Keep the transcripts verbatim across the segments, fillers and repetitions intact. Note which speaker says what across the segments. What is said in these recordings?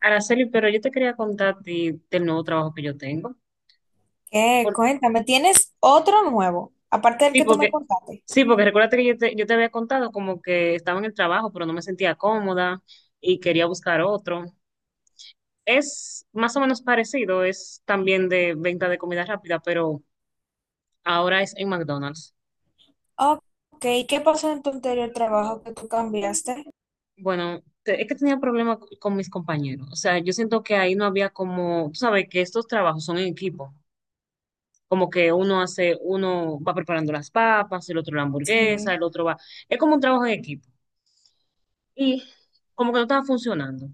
Speaker 1: Araceli, pero yo te quería contar a ti del nuevo trabajo que yo tengo.
Speaker 2: ¿Qué?
Speaker 1: Por-
Speaker 2: Cuéntame, ¿tienes otro nuevo, aparte del
Speaker 1: sí,
Speaker 2: que tú me
Speaker 1: porque,
Speaker 2: contaste?
Speaker 1: sí, porque recuérdate que yo te, yo te había contado como que estaba en el trabajo, pero no me sentía cómoda y quería buscar otro. Es más o menos parecido, es también de venta de comida rápida, pero ahora es en McDonald's.
Speaker 2: Ok, ¿qué pasó en tu anterior trabajo que tú cambiaste?
Speaker 1: Bueno, te- es que tenía problemas con mis compañeros. O sea, yo siento que ahí no había como, tú sabes que estos trabajos son en equipo. Como que uno hace, uno va preparando las papas, el otro la hamburguesa,
Speaker 2: Sí.
Speaker 1: el otro va. Es como un trabajo en equipo. Y como que no estaba funcionando.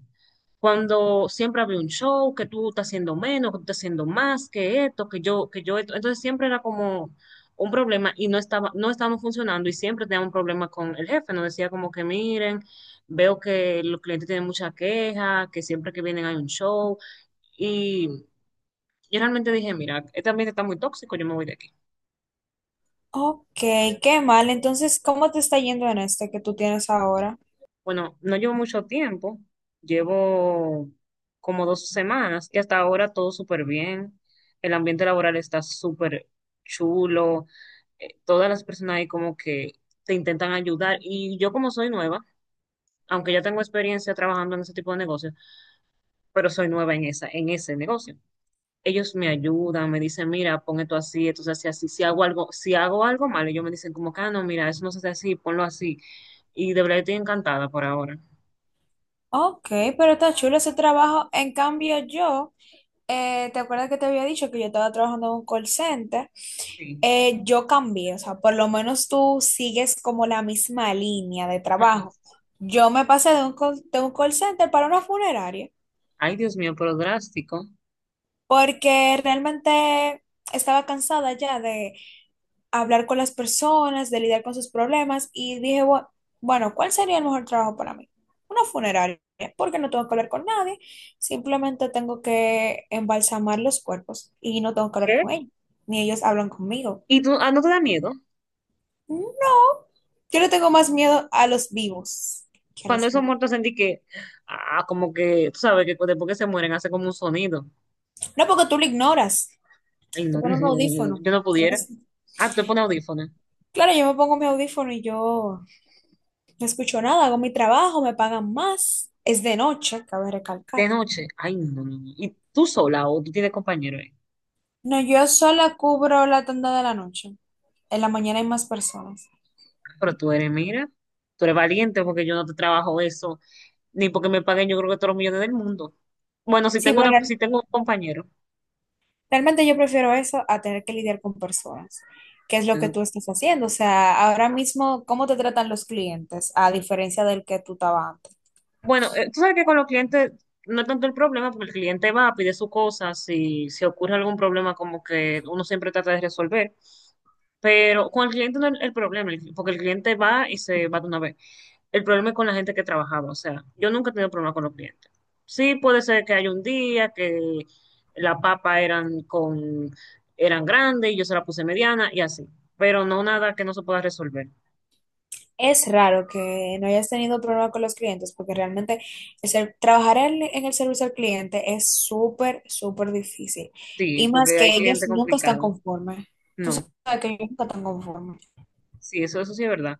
Speaker 1: Cuando siempre había un show, que tú estás haciendo menos, que tú estás haciendo más, que esto, que yo, que yo esto. Entonces siempre era como un problema y no estaba, no estábamos funcionando y siempre teníamos un problema con el jefe. Nos decía como que miren, veo que los clientes tienen mucha queja, que siempre que vienen hay un show. Y yo realmente dije, mira, este ambiente está muy tóxico, yo me voy de aquí.
Speaker 2: Ok, qué mal. Entonces, ¿cómo te está yendo en este que tú tienes ahora?
Speaker 1: Bueno, no llevo mucho tiempo, llevo como dos semanas y hasta ahora todo súper bien. El ambiente laboral está súper chulo, eh, todas las personas ahí como que te intentan ayudar y yo como soy nueva, aunque ya tengo experiencia trabajando en ese tipo de negocios, pero soy nueva en esa, en ese negocio. Ellos me ayudan, me dicen, mira, pon esto así, esto se hace así, si hago algo, si hago algo mal, ellos me dicen como que, ah, no, mira, eso no se hace así, ponlo así. Y de verdad estoy encantada por ahora.
Speaker 2: Ok, pero está chulo ese trabajo. En cambio, yo, eh, ¿te acuerdas que te había dicho que yo estaba trabajando en un call center?
Speaker 1: Sí.
Speaker 2: Eh, yo cambié, o sea, por lo menos tú sigues como la misma línea de trabajo.
Speaker 1: Ajá.
Speaker 2: Yo me pasé de un call, de un call center para una funeraria.
Speaker 1: Ay, Dios mío, pero drástico.
Speaker 2: Porque realmente estaba cansada ya de hablar con las personas, de lidiar con sus problemas y dije, "Bu- bueno, ¿cuál sería el mejor trabajo para mí? Una funeraria, porque no tengo que hablar con nadie, simplemente tengo que embalsamar los cuerpos y no tengo que hablar con
Speaker 1: ¿Qué?
Speaker 2: ellos, ni ellos hablan conmigo".
Speaker 1: ¿Y tú, ah, no te da miedo?
Speaker 2: No, yo le tengo más miedo a los vivos que a
Speaker 1: Cuando
Speaker 2: los
Speaker 1: esos
Speaker 2: muertos.
Speaker 1: muertos sentí que, ah, como que, tú sabes que cu- después que se mueren hace como un sonido.
Speaker 2: No, porque tú lo ignoras,
Speaker 1: Ay,
Speaker 2: te
Speaker 1: no,
Speaker 2: pones un audífono.
Speaker 1: yo no pudiera.
Speaker 2: Entonces,
Speaker 1: Ah, tú te pones audífonos.
Speaker 2: claro, yo me pongo mi audífono y yo no escucho nada, hago mi trabajo, me pagan más. Es de noche, cabe
Speaker 1: De
Speaker 2: recalcar.
Speaker 1: noche, ay, no, no, no, no. ¿Y tú sola o tú tienes compañero ahí?
Speaker 2: No, yo sola cubro la tanda de la noche. En la mañana hay más personas.
Speaker 1: Pero tú eres, mira, tú eres valiente porque yo no te trabajo eso, ni porque me paguen yo creo que todos los millones del mundo. Bueno, si
Speaker 2: Sí,
Speaker 1: tengo
Speaker 2: pero
Speaker 1: una, si
Speaker 2: real-
Speaker 1: tengo un compañero.
Speaker 2: realmente yo prefiero eso a tener que lidiar con personas, que es lo que tú estás haciendo. O sea, ahora mismo, ¿cómo te tratan los clientes a diferencia del que tú estabas antes?
Speaker 1: Bueno, eh, tú sabes que con los clientes no es tanto el problema, porque el cliente va, pide su cosa, si, si ocurre algún problema, como que uno siempre trata de resolver. Pero con el cliente no es el problema, el- porque el cliente va y se va de una vez. El problema es con la gente que trabajaba, o sea, yo nunca he tenido problema con los clientes. Sí, puede ser que haya un día que la papa eran con, eran grandes y yo se la puse mediana y así, pero no nada que no se pueda resolver.
Speaker 2: Es raro que no hayas tenido problema con los clientes, porque realmente el ser- trabajar en, en el servicio al cliente es súper, súper difícil.
Speaker 1: Sí,
Speaker 2: Y más
Speaker 1: porque hay
Speaker 2: que
Speaker 1: cliente
Speaker 2: ellos nunca están
Speaker 1: complicado.
Speaker 2: conformes. Tú
Speaker 1: No,
Speaker 2: sabes que ellos nunca están conformes.
Speaker 1: sí, eso, eso sí es verdad.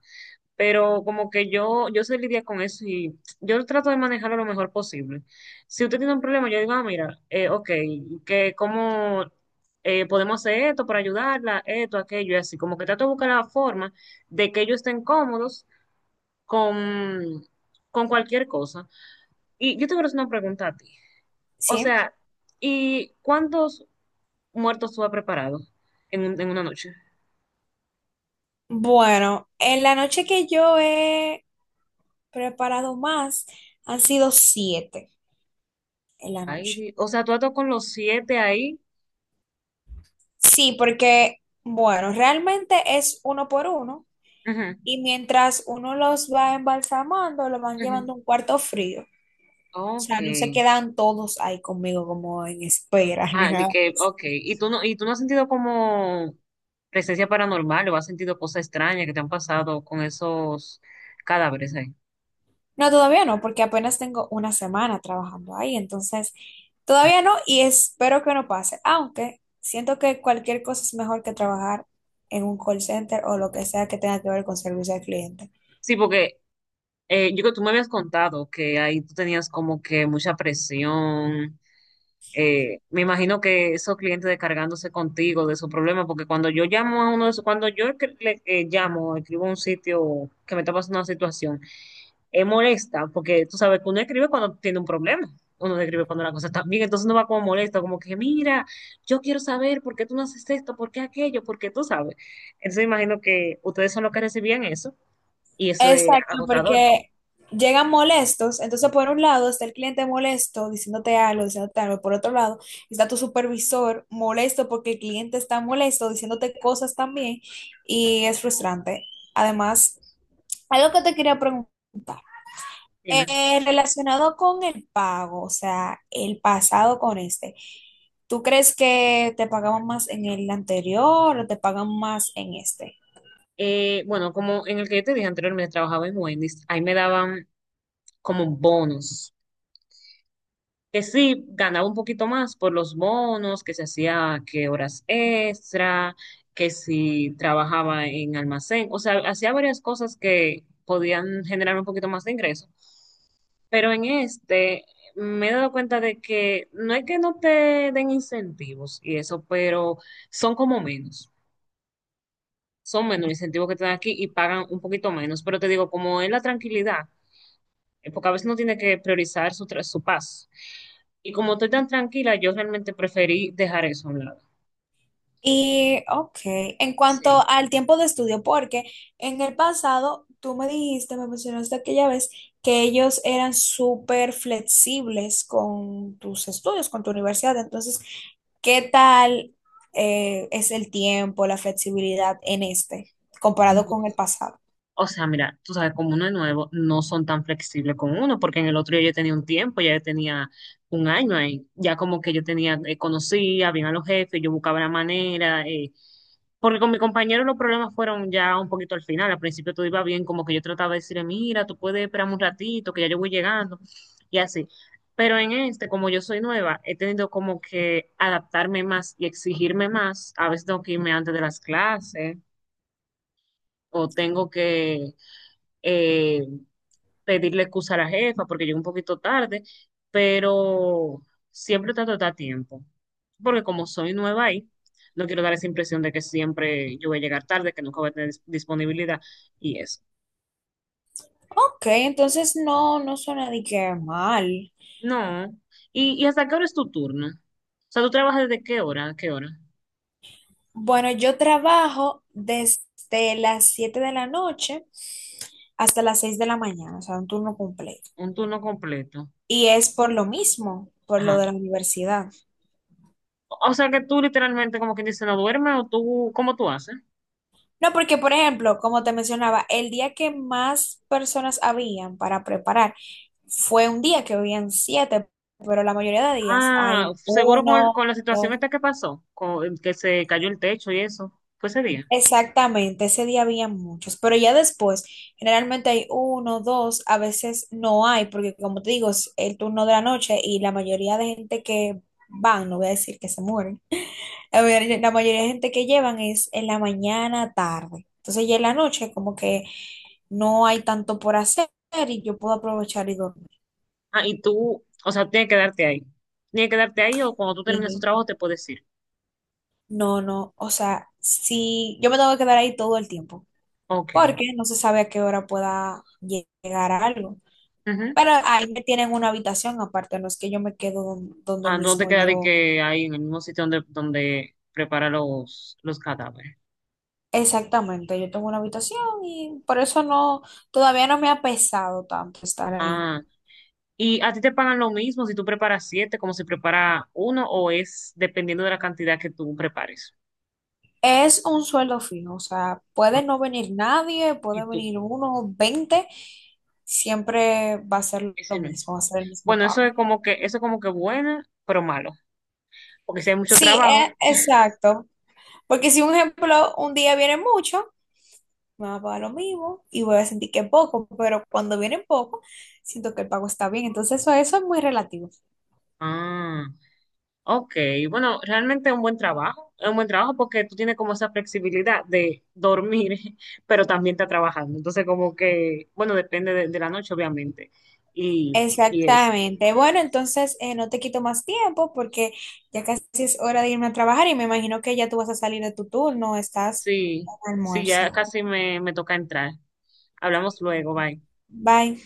Speaker 1: Pero como que yo, yo sé lidiar con eso y yo trato de manejarlo lo mejor posible. Si usted tiene un problema, yo digo, ah, mira, eh, ok, que cómo eh, podemos hacer esto para ayudarla, esto, aquello, y así, como que trato de buscar la forma de que ellos estén cómodos con, con cualquier cosa. Y yo te quiero hacer una pregunta a ti. O
Speaker 2: Sí.
Speaker 1: sea, ¿y cuántos muertos tú has preparado en, un- en una noche?
Speaker 2: Bueno, en la noche que yo he preparado más, han sido siete en la
Speaker 1: Ay,
Speaker 2: noche.
Speaker 1: di- o sea, tú has estado con los siete ahí.
Speaker 2: Sí, porque, bueno, realmente es uno por uno.
Speaker 1: Ujú,
Speaker 2: Y mientras uno los va embalsamando, los van
Speaker 1: ujú.
Speaker 2: llevando a un cuarto frío. O
Speaker 1: Ok.
Speaker 2: sea, no se quedan todos ahí conmigo como en espera ni
Speaker 1: Ah, de
Speaker 2: nada
Speaker 1: que,
Speaker 2: de eso.
Speaker 1: ok. ¿Y tú no, y tú no has sentido como presencia paranormal o has sentido cosas extrañas que te han pasado con esos cadáveres ahí?
Speaker 2: No, todavía no, porque apenas tengo una semana trabajando ahí, entonces todavía no y espero que no pase, aunque siento que cualquier cosa es mejor que trabajar en un call center o lo que sea que tenga que ver con servicio al cliente.
Speaker 1: Sí, porque eh, yo creo que tú me habías contado que ahí tú tenías como que mucha presión. Eh, me imagino que esos clientes descargándose contigo de su problema, porque cuando yo llamo a uno de esos, cuando yo que- le eh, llamo, escribo a un sitio que me está pasando una situación, eh, molesta, porque tú sabes que uno escribe cuando tiene un problema, uno no escribe cuando la cosa está bien, entonces uno va como molesto, como que mira, yo quiero saber por qué tú no haces esto, por qué aquello, por qué tú sabes. Entonces imagino que ustedes son los que recibían eso y eso es
Speaker 2: Exacto,
Speaker 1: agotador.
Speaker 2: porque llegan molestos, entonces por un lado está el cliente molesto diciéndote algo, diciéndote algo, por otro lado está tu supervisor molesto porque el cliente está molesto diciéndote cosas también y es frustrante. Además, algo que te quería preguntar,
Speaker 1: Dime.
Speaker 2: eh, relacionado con el pago, o sea, el pasado con este, ¿tú crees que te pagaban más en el anterior o te pagan más en este?
Speaker 1: Eh, bueno, como en el que yo te dije anteriormente, trabajaba en Wendy's, ahí me daban como bonos que sí ganaba un poquito más por los bonos, que se hacía que horas extra, que si trabajaba en almacén, o sea, hacía varias cosas que podían generar un poquito más de ingreso. Pero en este me he dado cuenta de que no es que no te den incentivos y eso, pero son como menos. Son menos los incentivos que te dan aquí y pagan un poquito menos. Pero te digo, como es la tranquilidad, eh, porque a veces uno tiene que priorizar su, tra- su paz. Y como estoy tan tranquila, yo realmente preferí dejar eso a un lado.
Speaker 2: Y, ok, en
Speaker 1: Sí.
Speaker 2: cuanto al tiempo de estudio, porque en el pasado tú me dijiste, me mencionaste aquella vez que ellos eran súper flexibles con tus estudios, con tu universidad. Entonces, ¿qué tal eh, es el tiempo, la flexibilidad en este, comparado con
Speaker 1: Ujú.
Speaker 2: el pasado?
Speaker 1: O sea, mira, tú sabes, como uno es nuevo, no son tan flexibles con uno, porque en el otro yo ya tenía un tiempo, ya yo tenía un año ahí, ya como que yo tenía, eh, conocía bien a los jefes, yo buscaba la manera. eh, Porque con mi compañero los problemas fueron ya un poquito al final. Al principio todo iba bien, como que yo trataba de decirle, mira, tú puedes esperar un ratito, que ya yo voy llegando, y así. Pero en este, como yo soy nueva, he tenido como que adaptarme más y exigirme más. A veces tengo que irme antes de las clases o tengo que eh, pedirle excusa a la jefa porque llegué un poquito tarde, pero siempre trato de estar a tiempo, porque como soy nueva ahí, no quiero dar esa impresión de que siempre yo voy a llegar tarde, que nunca voy a tener dis- disponibilidad y eso.
Speaker 2: Ok, entonces no, no suena de que mal.
Speaker 1: No. ¿Y, y hasta qué hora es tu turno? O sea, ¿tú trabajas desde qué hora a qué hora?
Speaker 2: Bueno, yo trabajo desde las siete de la noche hasta las seis de la mañana, o sea, un turno completo.
Speaker 1: Un turno completo.
Speaker 2: Y es por lo mismo, por lo
Speaker 1: Ajá.
Speaker 2: de la universidad.
Speaker 1: O o sea, que tú literalmente como quien dice no duermes o tú, ¿cómo tú haces?
Speaker 2: No, porque, por ejemplo, como te mencionaba, el día que más personas habían para preparar fue un día que habían siete, pero la mayoría de días
Speaker 1: Ah,
Speaker 2: hay
Speaker 1: seguro con, el- con
Speaker 2: uno,
Speaker 1: la situación
Speaker 2: dos.
Speaker 1: esta que pasó, con, que se cayó el techo y eso. Fue ese día.
Speaker 2: Exactamente, ese día había muchos, pero ya después, generalmente hay uno, dos, a veces no hay, porque como te digo, es el turno de la noche y la mayoría de gente que van, no voy a decir que se mueren, la mayoría, la mayoría de gente que llevan es en la mañana, tarde. Entonces ya en la noche como que no hay tanto por hacer y yo puedo aprovechar y dormir.
Speaker 1: Ah, y tú, o sea, tienes que quedarte ahí. Tienes que quedarte ahí o cuando tú termines tu
Speaker 2: Y
Speaker 1: trabajo te puedes ir.
Speaker 2: no, no, o sea, si yo me tengo que quedar ahí todo el tiempo,
Speaker 1: Ok.
Speaker 2: porque no se sabe a qué hora pueda llegar algo.
Speaker 1: Ujú.
Speaker 2: Pero ahí me tienen una habitación aparte, no es que yo me quedo don- donde
Speaker 1: Ah, no te
Speaker 2: mismo
Speaker 1: queda de
Speaker 2: yo.
Speaker 1: que ahí en el mismo sitio donde, donde prepara los, los cadáveres.
Speaker 2: Exactamente, yo tengo una habitación y por eso no, todavía no me ha pesado tanto estar ahí.
Speaker 1: Ah, ¿y a ti te pagan lo mismo si tú preparas siete como si prepara uno o es dependiendo de la cantidad que tú prepares?
Speaker 2: Es un sueldo fijo, o sea, puede no venir nadie,
Speaker 1: Y
Speaker 2: puede
Speaker 1: tú,
Speaker 2: venir uno, veinte, siempre va a ser lo
Speaker 1: ese no es.
Speaker 2: mismo, va a ser el mismo
Speaker 1: Bueno, eso
Speaker 2: pago.
Speaker 1: es como que, eso es como que bueno, pero malo. Porque si hay mucho
Speaker 2: Sí, e-
Speaker 1: trabajo.
Speaker 2: exacto, porque si un ejemplo, un día viene mucho, me va a pagar lo mismo y voy a sentir que es poco, pero cuando viene poco, siento que el pago está bien. Entonces, eso, eso es muy relativo.
Speaker 1: Ah. Ok, bueno, realmente es un buen trabajo, es un buen trabajo porque tú tienes como esa flexibilidad de dormir, pero también estás trabajando. Entonces, como que, bueno, depende de, de la noche, obviamente. Y, y eso.
Speaker 2: Exactamente. Bueno, entonces eh, no te quito más tiempo porque ya casi es hora de irme a trabajar y me imagino que ya tú vas a salir de tu turno, estás
Speaker 1: Sí,
Speaker 2: en
Speaker 1: sí,
Speaker 2: almuerzo.
Speaker 1: ya casi me, me toca entrar. Hablamos luego, bye.
Speaker 2: Bye.